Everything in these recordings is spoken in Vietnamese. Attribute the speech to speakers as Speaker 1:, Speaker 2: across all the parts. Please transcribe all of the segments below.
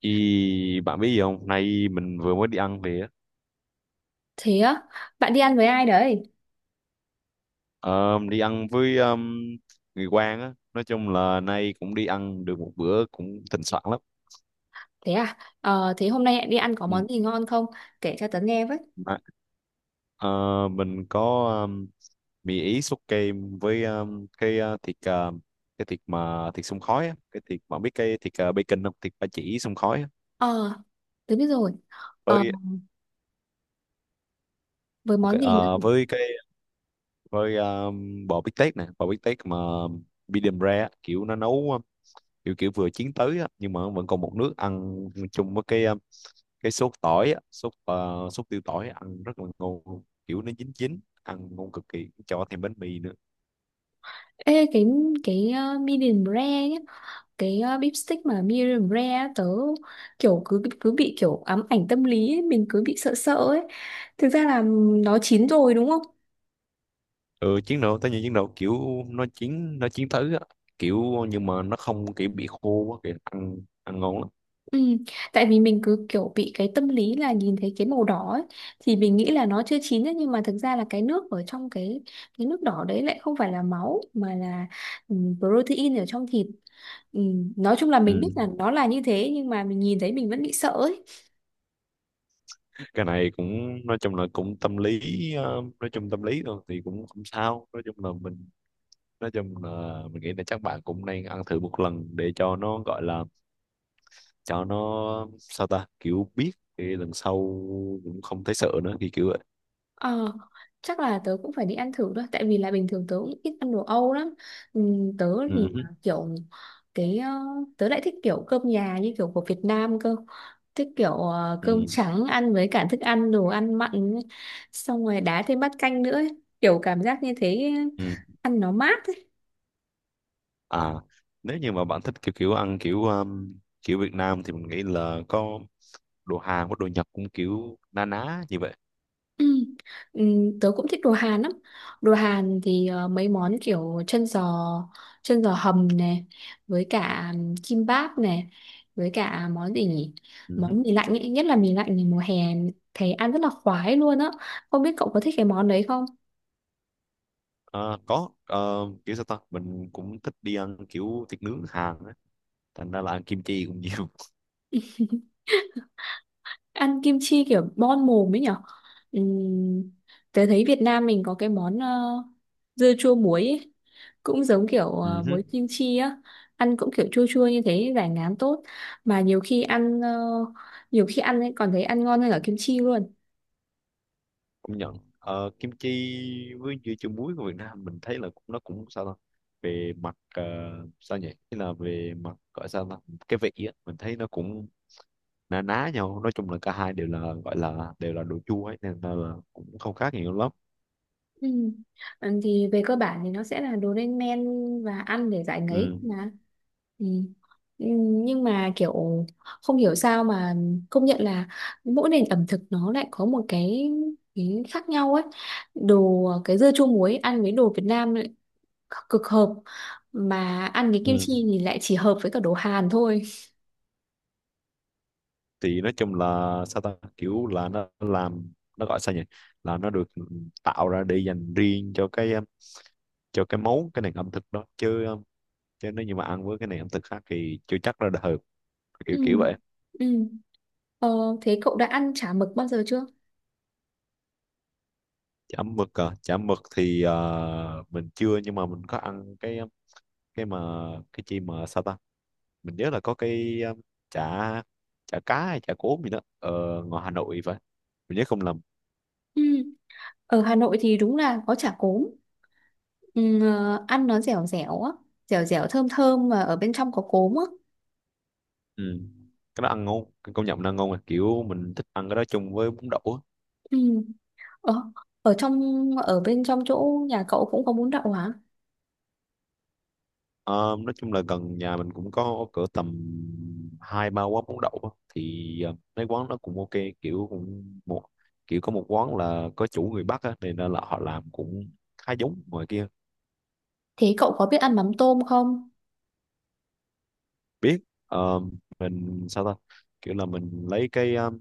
Speaker 1: Ý, bạn biết gì không? Nay mình vừa mới đi ăn về á.
Speaker 2: Thế á, bạn đi ăn với ai đấy?
Speaker 1: Ờ, đi ăn với người quen á. Nói chung là nay cũng đi ăn được một bữa cũng thịnh soạn lắm.
Speaker 2: Thế à, thế hôm nay đi ăn có
Speaker 1: Ừ.
Speaker 2: món gì ngon không? Kể cho tớ nghe với.
Speaker 1: Mà, ờ, mình có um, mì Ý sốt kem với cái thịt mà thịt xông khói á. Cái thịt bạn biết cái thịt bacon không? Thịt ba chỉ xông khói á.
Speaker 2: Ờ, tớ biết rồi. Ờ,
Speaker 1: Với
Speaker 2: với
Speaker 1: ok,
Speaker 2: món gì
Speaker 1: ờ,
Speaker 2: nữa?
Speaker 1: với cái với um, bò bít tết nè, bò bít tét mà medium rare á. Kiểu nó nấu kiểu kiểu vừa chiến tới á, nhưng mà vẫn còn một nước ăn chung với cái sốt tỏi á, sốt tiêu tỏi ăn rất là ngon luôn. Kiểu nó chín chín ăn ngon cực kỳ cho thêm bánh mì nữa.
Speaker 2: Ê, cái medium rare nhá, cái beef stick mà medium rare á, tớ kiểu cứ cứ bị kiểu ám ảnh tâm lý ấy, mình cứ bị sợ sợ ấy. Thực ra là nó chín rồi đúng không?
Speaker 1: Ừ, chiến đấu tới những chiến đấu kiểu nó chiến tới á, kiểu nhưng mà nó không kiểu bị khô quá kìa, ăn ăn ngon lắm.
Speaker 2: Ừ, tại vì mình cứ kiểu bị cái tâm lý là nhìn thấy cái màu đỏ ấy, thì mình nghĩ là nó chưa chín ấy, nhưng mà thực ra là cái nước ở trong cái nước đỏ đấy lại không phải là máu mà là ừ, protein ở trong thịt. Ừ, nói chung là
Speaker 1: Ừ.
Speaker 2: mình biết là nó là như thế nhưng mà mình nhìn thấy mình vẫn bị sợ ấy.
Speaker 1: Cái này cũng nói chung là cũng tâm lý. Nói chung tâm lý thôi thì cũng không sao, nói chung là mình, nghĩ là chắc bạn cũng nên ăn thử một lần để cho nó gọi là cho nó sao ta kiểu biết thì lần sau cũng không thấy sợ nữa thì kiểu vậy.
Speaker 2: Ờ, chắc là tớ cũng phải đi ăn thử thôi tại vì là bình thường tớ cũng ít ăn đồ Âu lắm. Tớ thì
Speaker 1: Ừ, hứ,
Speaker 2: là kiểu cái tớ lại thích kiểu cơm nhà như kiểu của Việt Nam cơ, thích kiểu cơm
Speaker 1: ừ,
Speaker 2: trắng ăn với cả thức ăn đồ ăn mặn ấy. Xong rồi đá thêm bát canh nữa ấy, kiểu cảm giác như thế
Speaker 1: ừ.
Speaker 2: ăn nó mát.
Speaker 1: À, nếu như mà bạn thích kiểu kiểu ăn kiểu kiểu Việt Nam thì mình nghĩ là có đồ Hàn, có đồ Nhật cũng kiểu na ná như vậy.
Speaker 2: Ừ. Ừ, tớ cũng thích đồ Hàn lắm, đồ Hàn thì mấy món kiểu chân giò, chân giò hầm này, với cả kim báp này, với cả món gì nhỉ,
Speaker 1: Ừ, hứ.
Speaker 2: món mì lạnh ấy. Nhất là mì lạnh thì mùa hè thấy ăn rất là khoái luôn á, không biết cậu có thích cái món đấy không.
Speaker 1: Ờ, có, kiểu sao ta mình cũng thích đi ăn kiểu thịt nướng Hàn á, thành ra là ăn kim chi cũng nhiều.
Speaker 2: Ăn kim chi kiểu bon mồm ấy nhỉ. Ừm, tớ thấy Việt Nam mình có cái món dưa chua muối ấy. Cũng giống kiểu muối
Speaker 1: Ừ.
Speaker 2: kim chi á, ăn cũng kiểu chua chua như thế giải ngán tốt, mà nhiều khi nhiều khi ăn ấy còn thấy ăn ngon hơn cả kim chi luôn.
Speaker 1: Công nhận. Ờ, kim chi với dưa chuột muối của Việt Nam mình thấy là cũng nó cũng sao ta, về mặt sao nhỉ, tức là về mặt gọi sao ta cái vị á mình thấy nó cũng ná ná nhau, nói chung là cả hai đều là gọi là đều là đồ chua ấy nên là cũng không khác nhiều lắm.
Speaker 2: Ừ. Ừ, thì về cơ bản thì nó sẽ là đồ lên men và ăn để giải ngấy
Speaker 1: Ừ.
Speaker 2: mà. Ừ. Ừ, nhưng mà kiểu không hiểu sao mà công nhận là mỗi nền ẩm thực nó lại có một cái khác nhau ấy, đồ cái dưa chua muối ăn với đồ Việt Nam lại cực hợp, mà ăn cái kim
Speaker 1: Ừ.
Speaker 2: chi thì lại chỉ hợp với cả đồ Hàn thôi.
Speaker 1: Thì nói chung là sao ta kiểu là nó làm nó gọi sao nhỉ là nó được tạo ra để dành riêng cho cái món cái nền ẩm thực đó chứ nếu như mà ăn với cái nền ẩm thực khác thì chưa chắc là hợp,
Speaker 2: Ừ.
Speaker 1: kiểu kiểu vậy.
Speaker 2: Ừ. Ờ, thế cậu đã ăn chả mực bao giờ chưa?
Speaker 1: Chả mực à? Chả mực thì mình chưa, nhưng mà mình có ăn cái mà cái chi mà sao ta mình nhớ là có cái chả chả cá hay chả cốm gì đó ở ngoài Hà Nội, phải mình nhớ không lầm.
Speaker 2: Ừ. Ở Hà Nội thì đúng là có chả cốm. Ừ, ăn nó dẻo dẻo á, dẻo dẻo thơm thơm mà ở bên trong có cốm á.
Speaker 1: Ừ. Cái đó ăn ngon, cái công nhận nó ăn ngon, mà kiểu mình thích ăn cái đó chung với bún đậu á.
Speaker 2: Ừ. Ở, ở trong ở bên trong chỗ nhà cậu cũng có bún đậu hả?
Speaker 1: Ờ, nói chung là gần nhà mình cũng có cỡ tầm hai ba quán bún đậu á. Thì mấy quán nó cũng ok, kiểu cũng một kiểu có một quán là có chủ người Bắc á, nên là họ làm cũng khá giống ngoài kia.
Speaker 2: Thế cậu có biết ăn mắm tôm không?
Speaker 1: Biết. Ờ, mình sao ta, kiểu là mình lấy cái um,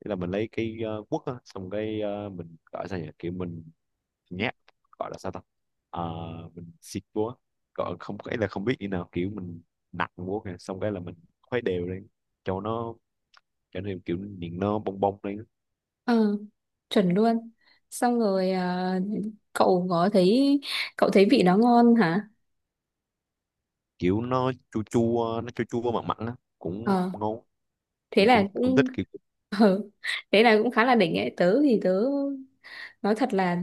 Speaker 1: kiểu là mình lấy cái quất á, xong cái mình gọi sao nhỉ kiểu mình nhát, gọi là sao ta. Ờ, mình xịt búa, gọi không, cái là không biết như nào kiểu mình nặng búa kìa, xong cái là mình khuấy đều lên cho nó, cho nên kiểu miệng nó bong bong lên.
Speaker 2: Ừ, chuẩn luôn. Xong rồi à, cậu có thấy, cậu thấy vị nó ngon hả?
Speaker 1: Kiểu nó chua chua mặn mặn á cũng
Speaker 2: Ờ,
Speaker 1: ngon.
Speaker 2: thế
Speaker 1: Mình
Speaker 2: là
Speaker 1: cũng cũng
Speaker 2: cũng.
Speaker 1: thích kiểu.
Speaker 2: ờ, thế là cũng khá là đỉnh ấy, tớ thì tớ nói thật là,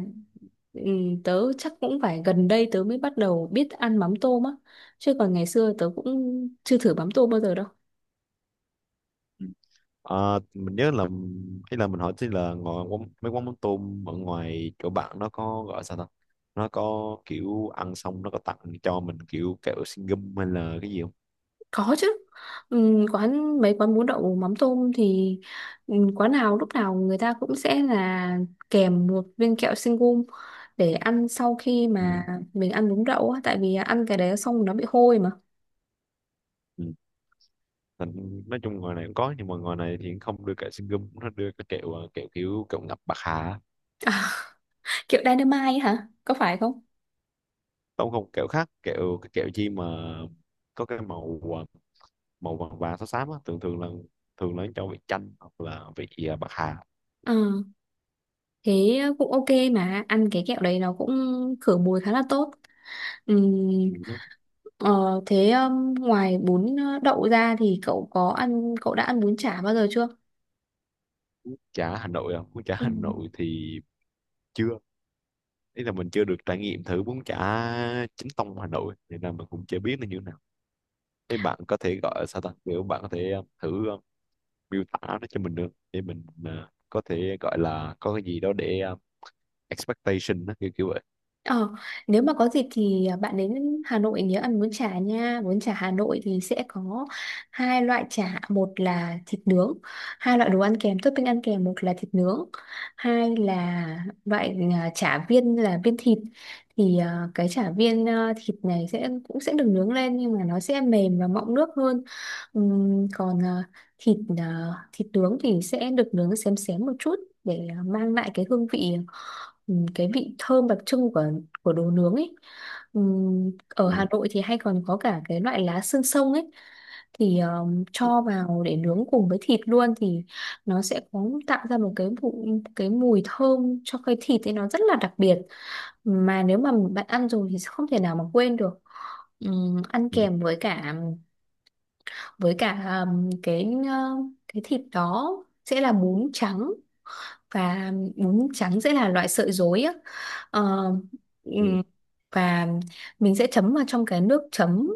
Speaker 2: ừ, tớ chắc cũng phải gần đây tớ mới bắt đầu biết ăn mắm tôm á, chứ còn ngày xưa tớ cũng chưa thử mắm tôm bao giờ đâu.
Speaker 1: Ờ, mình nhớ là, ý là mình hỏi tí là ngồi quán, mấy quán mắm tôm ở ngoài chỗ bạn nó có gọi sao ta, nó có kiểu ăn xong nó có tặng cho mình kiểu kẹo xin gum hay là cái gì không?
Speaker 2: Có chứ. Ừ, mấy quán bún đậu mắm tôm thì, ừ, quán nào lúc nào người ta cũng sẽ là kèm một viên kẹo sinh gum để ăn sau khi
Speaker 1: Ừ.
Speaker 2: mà mình ăn bún đậu á, tại vì ăn cái đấy xong nó bị hôi mà.
Speaker 1: Ừ. Nói chung ngoài này cũng có nhưng mà ngoài này thì không đưa kẹo xin gum, nó đưa cái kẹo ờ, kẹo kiểu kẹo ngập bạc hà á.
Speaker 2: kiểu dynamite ấy hả, có phải không?
Speaker 1: Không không, kẹo khác, kẹo cái kẹo chi mà có cái màu màu vàng vàng xám xám á, thường thường là cho vị chanh hoặc là vị bạc hà.
Speaker 2: Ờ, thế cũng ok, mà ăn cái kẹo đấy nó cũng khử mùi khá là tốt. Ừm,
Speaker 1: Ừ.
Speaker 2: ờ, thế ngoài bún đậu ra thì cậu đã ăn bún chả bao giờ chưa?
Speaker 1: Chả Hà Nội à? Bún chả Hà Nội thì chưa, ý là mình chưa được trải nghiệm thử bún chả chính tông Hà Nội nên là mình cũng chưa biết nó như thế nào. Thế bạn có thể gọi sao ta kiểu bạn có thể thử miêu tả nó cho mình được để mình có thể gọi là có cái gì đó để expectation đó, kiểu kiểu vậy.
Speaker 2: Ờ, nếu mà có dịp thì à, bạn đến Hà Nội nhớ ăn bún chả nha. Bún chả Hà Nội thì sẽ có hai loại chả, một là thịt nướng, hai loại đồ ăn kèm, topping ăn kèm, một là thịt nướng, hai là loại à, chả viên là viên thịt. Thì à, cái chả viên à, thịt này sẽ cũng sẽ được nướng lên nhưng mà nó sẽ mềm và mọng nước hơn. Còn à, thịt à, thịt nướng thì sẽ được nướng xém xém một chút để à, mang lại cái hương vị, cái vị thơm đặc trưng của đồ nướng ấy. Ở
Speaker 1: Ừ,
Speaker 2: Hà Nội thì hay còn có cả cái loại lá xương sông ấy, thì
Speaker 1: ừ,
Speaker 2: cho vào để nướng cùng với thịt luôn, thì nó sẽ có tạo ra một cái mùi thơm cho cái thịt ấy nó rất là đặc biệt, mà nếu mà bạn ăn rồi thì sẽ không thể nào mà quên được. Ăn
Speaker 1: ừ,
Speaker 2: kèm với cả, với cả cái thịt đó sẽ là bún trắng, và bún trắng sẽ là loại sợi rối á. Ờ,
Speaker 1: ừ.
Speaker 2: ừm, và mình sẽ chấm vào trong cái nước chấm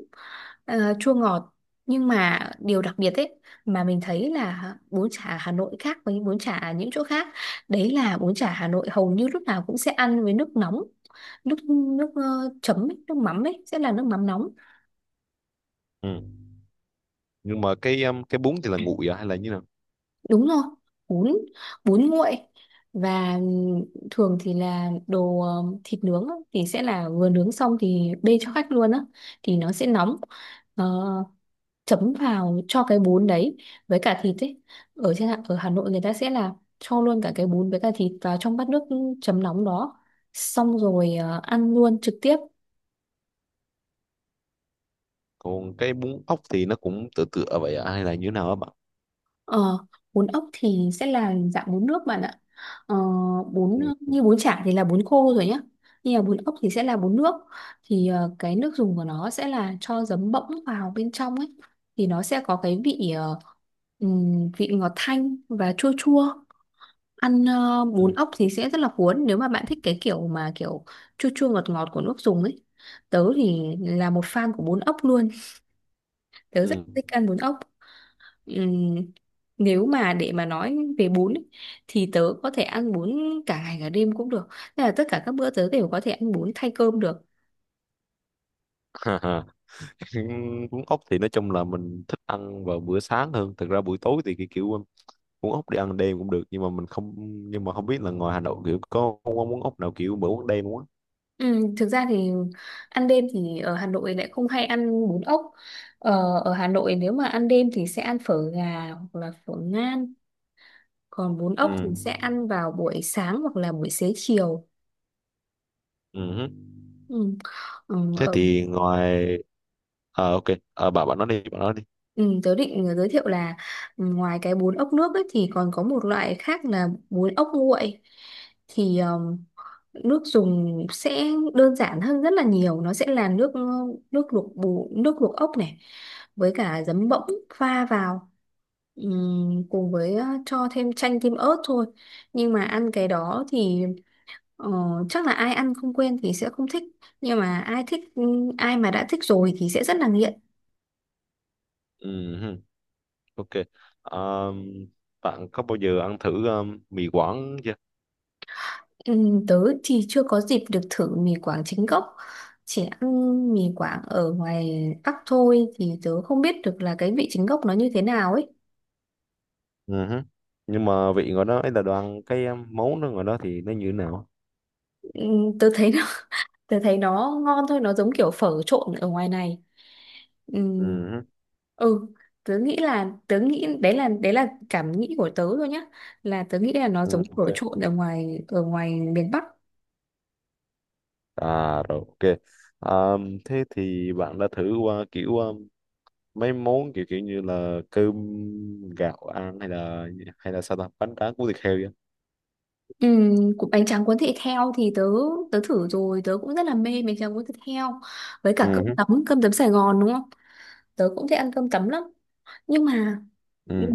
Speaker 2: chua ngọt. Nhưng mà điều đặc biệt ấy, mà mình thấy là bún chả Hà Nội khác với bún chả ở những chỗ khác, đấy là bún chả Hà Nội hầu như lúc nào cũng sẽ ăn với nước nóng, nước nước ờ, chấm ấy, nước mắm ấy sẽ là nước mắm nóng.
Speaker 1: Ừ. Nhưng mà cái cái bún thì là nguội à hay là như nào?
Speaker 2: Đúng rồi, bún bún nguội, và thường thì là đồ thịt nướng á, thì sẽ là vừa nướng xong thì bê cho khách luôn á, thì nó sẽ nóng. Ờ, chấm vào cho cái bún đấy với cả thịt ấy, ở Hà Nội người ta sẽ là cho luôn cả cái bún với cả thịt vào trong bát nước chấm nóng đó, xong rồi ăn luôn trực tiếp.
Speaker 1: Còn cái bún ốc thì nó cũng tựa tựa vậy à hay là như nào á bạn?
Speaker 2: Ờ, bún ốc thì sẽ là dạng bún nước bạn ạ. Ờ, bún
Speaker 1: Ừ,
Speaker 2: như bún chả thì là bún khô rồi nhá. Nhưng mà bún ốc thì sẽ là bún nước. Thì cái nước dùng của nó sẽ là cho giấm bỗng vào bên trong ấy. Thì nó sẽ có cái vị ừm, vị ngọt thanh và chua chua. Ăn
Speaker 1: ừ,
Speaker 2: bún ốc thì sẽ rất là cuốn nếu mà bạn thích cái kiểu mà kiểu chua chua ngọt ngọt của nước dùng ấy. Tớ thì là một fan của bún ốc luôn. Tớ
Speaker 1: ừ.
Speaker 2: rất thích ăn bún ốc. Ừm, nếu mà để mà nói về bún ấy, thì tớ có thể ăn bún cả ngày cả đêm cũng được. Tức là tất cả các bữa tớ đều có thể ăn bún thay cơm được.
Speaker 1: Ừ, cuốn ốc thì nói chung là mình thích ăn vào bữa sáng hơn, thực ra buổi tối thì cái kiểu cuốn ốc đi ăn đêm cũng được nhưng mà mình không, nhưng mà không biết là ngoài Hà Nội kiểu có món ốc nào kiểu bữa ăn đêm không á.
Speaker 2: Thực ra thì ăn đêm thì ở Hà Nội lại không hay ăn bún ốc, ở Hà Nội nếu mà ăn đêm thì sẽ ăn phở gà hoặc là phở ngan, còn bún
Speaker 1: Ừ.
Speaker 2: ốc thì sẽ ăn vào buổi sáng hoặc là buổi xế chiều.
Speaker 1: Ừ, hứ.
Speaker 2: Ừm, ừm,
Speaker 1: Thế
Speaker 2: ở
Speaker 1: thì ngoài, à, ok. À, bạn bạn nói đi, bạn nói đi.
Speaker 2: Ừ, tớ định giới thiệu là, ừ, ngoài cái bún ốc nước ấy, thì còn có một loại khác là bún ốc nguội, thì nước dùng sẽ đơn giản hơn rất là nhiều, nó sẽ là nước nước luộc bù nước luộc ốc này với cả giấm bỗng pha vào. Cùng với cho thêm chanh tim ớt thôi, nhưng mà ăn cái đó thì, ờ, chắc là ai ăn không quen thì sẽ không thích, nhưng mà ai thích, ai mà đã thích rồi thì sẽ rất là nghiện.
Speaker 1: Ừ, hứ, ok. Ờm, Bạn có bao giờ ăn thử mì Quảng chưa?
Speaker 2: Ừ, tớ thì chưa có dịp được thử mì Quảng chính gốc, chỉ ăn mì Quảng ở ngoài Bắc thôi thì tớ không biết được là cái vị chính gốc nó như thế nào ấy.
Speaker 1: Ừ, hứ. Nhưng mà vị ngoài đó ấy là đồ ăn cái món đó ngoài đó thì nó như thế nào?
Speaker 2: Ừ, tớ thấy nó, tớ thấy nó ngon thôi, nó giống kiểu phở trộn ở ngoài này. Ừ,
Speaker 1: Ừ, hứ.
Speaker 2: ừ, tớ nghĩ là tớ nghĩ đấy là cảm nghĩ của tớ thôi nhá, là tớ nghĩ là nó
Speaker 1: Ừ,
Speaker 2: giống
Speaker 1: ok.
Speaker 2: phở trộn ở ngoài, ở ngoài miền Bắc.
Speaker 1: À rồi, ok. À, thế thì bạn đã thử qua kiểu mấy món kiểu kiểu như là cơm gạo ăn, hay là sao ta bánh tráng cuốn thịt heo vậy?
Speaker 2: Ừ, cũng bánh tráng cuốn thịt heo thì tớ tớ thử rồi, tớ cũng rất là mê bánh tráng cuốn thịt heo, với cả
Speaker 1: Ừ, hứ,
Speaker 2: cơm tấm Sài Gòn đúng không, tớ cũng thích ăn cơm tấm lắm. Nhưng mà, ừ,
Speaker 1: ừ.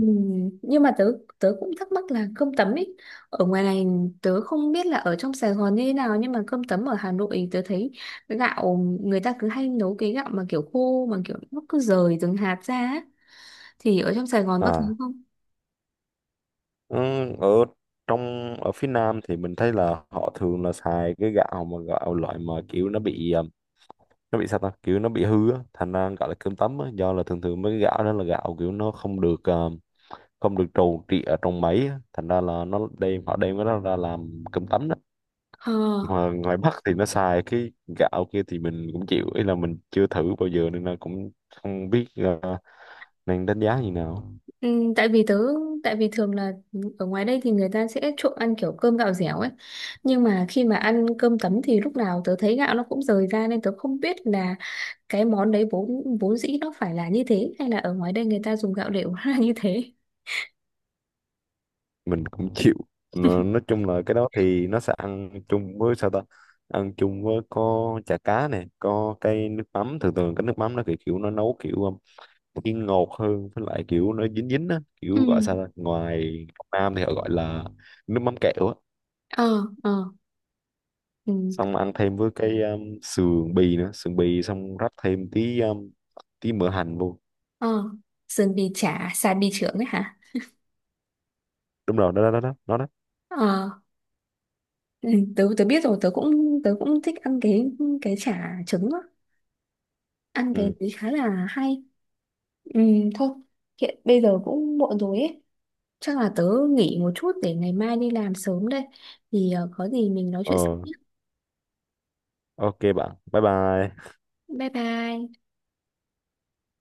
Speaker 2: nhưng mà tớ tớ cũng thắc mắc là cơm tấm ấy ở ngoài này, tớ không biết là ở trong Sài Gòn như thế nào nhưng mà cơm tấm ở Hà Nội tớ thấy gạo, người ta cứ hay nấu cái gạo mà kiểu khô mà kiểu nó cứ rời từng hạt ra á, thì ở trong Sài Gòn có thấy
Speaker 1: À
Speaker 2: không?
Speaker 1: ừ, ở ở phía Nam thì mình thấy là họ thường là xài cái gạo mà gạo loại mà kiểu nó bị sao ta kiểu nó bị hư á thành ra gọi là cơm tấm á, do là thường thường mấy cái gạo đó là gạo kiểu nó không được trù trị ở trong máy á, thành ra là nó đem họ đem cái đó ra làm cơm tấm đó.
Speaker 2: Ờ.
Speaker 1: Mà ngoài Bắc thì nó xài cái gạo kia thì mình cũng chịu, ý là mình chưa thử bao giờ nên là cũng không biết nên đánh giá như nào.
Speaker 2: Ừ, tại vì thường là ở ngoài đây thì người ta sẽ trộn ăn kiểu cơm gạo dẻo ấy, nhưng mà khi mà ăn cơm tấm thì lúc nào tớ thấy gạo nó cũng rời ra nên tớ không biết là cái món đấy vốn vốn dĩ nó phải là như thế hay là ở ngoài đây người ta dùng gạo đều là như thế.
Speaker 1: Mình cũng chịu. Nói chung là cái đó thì nó sẽ ăn chung với sao ta, ăn chung với có chả cá này, có cái nước mắm, thường thường cái nước mắm nó kiểu nó nấu kiểu chiên ngọt hơn, với lại kiểu nó dính dính á, kiểu gọi
Speaker 2: Ừ.
Speaker 1: sao ta ngoài Nam thì họ gọi là nước mắm kẹo á,
Speaker 2: Ờ. Ờ. Ừ.
Speaker 1: xong ăn thêm với cái sườn bì nữa, sườn bì xong rắc thêm tí tí mỡ hành vô.
Speaker 2: Ờ, sườn bì chả, xà bì chưởng ấy hả?
Speaker 1: Đúng rồi, đó đó đó đó đó đó.
Speaker 2: Ờ. Ừ, tớ tớ biết rồi, tớ cũng thích ăn cái chả trứng á, ăn cái
Speaker 1: Ừ,
Speaker 2: đấy khá là hay. Ừ, thôi hiện bây giờ cũng muộn rồi ấy, chắc là tớ nghỉ một chút để ngày mai đi làm sớm đây. Thì có gì mình nói
Speaker 1: ờ,
Speaker 2: chuyện sau nhé.
Speaker 1: ok bạn, bye bye.
Speaker 2: Bye bye.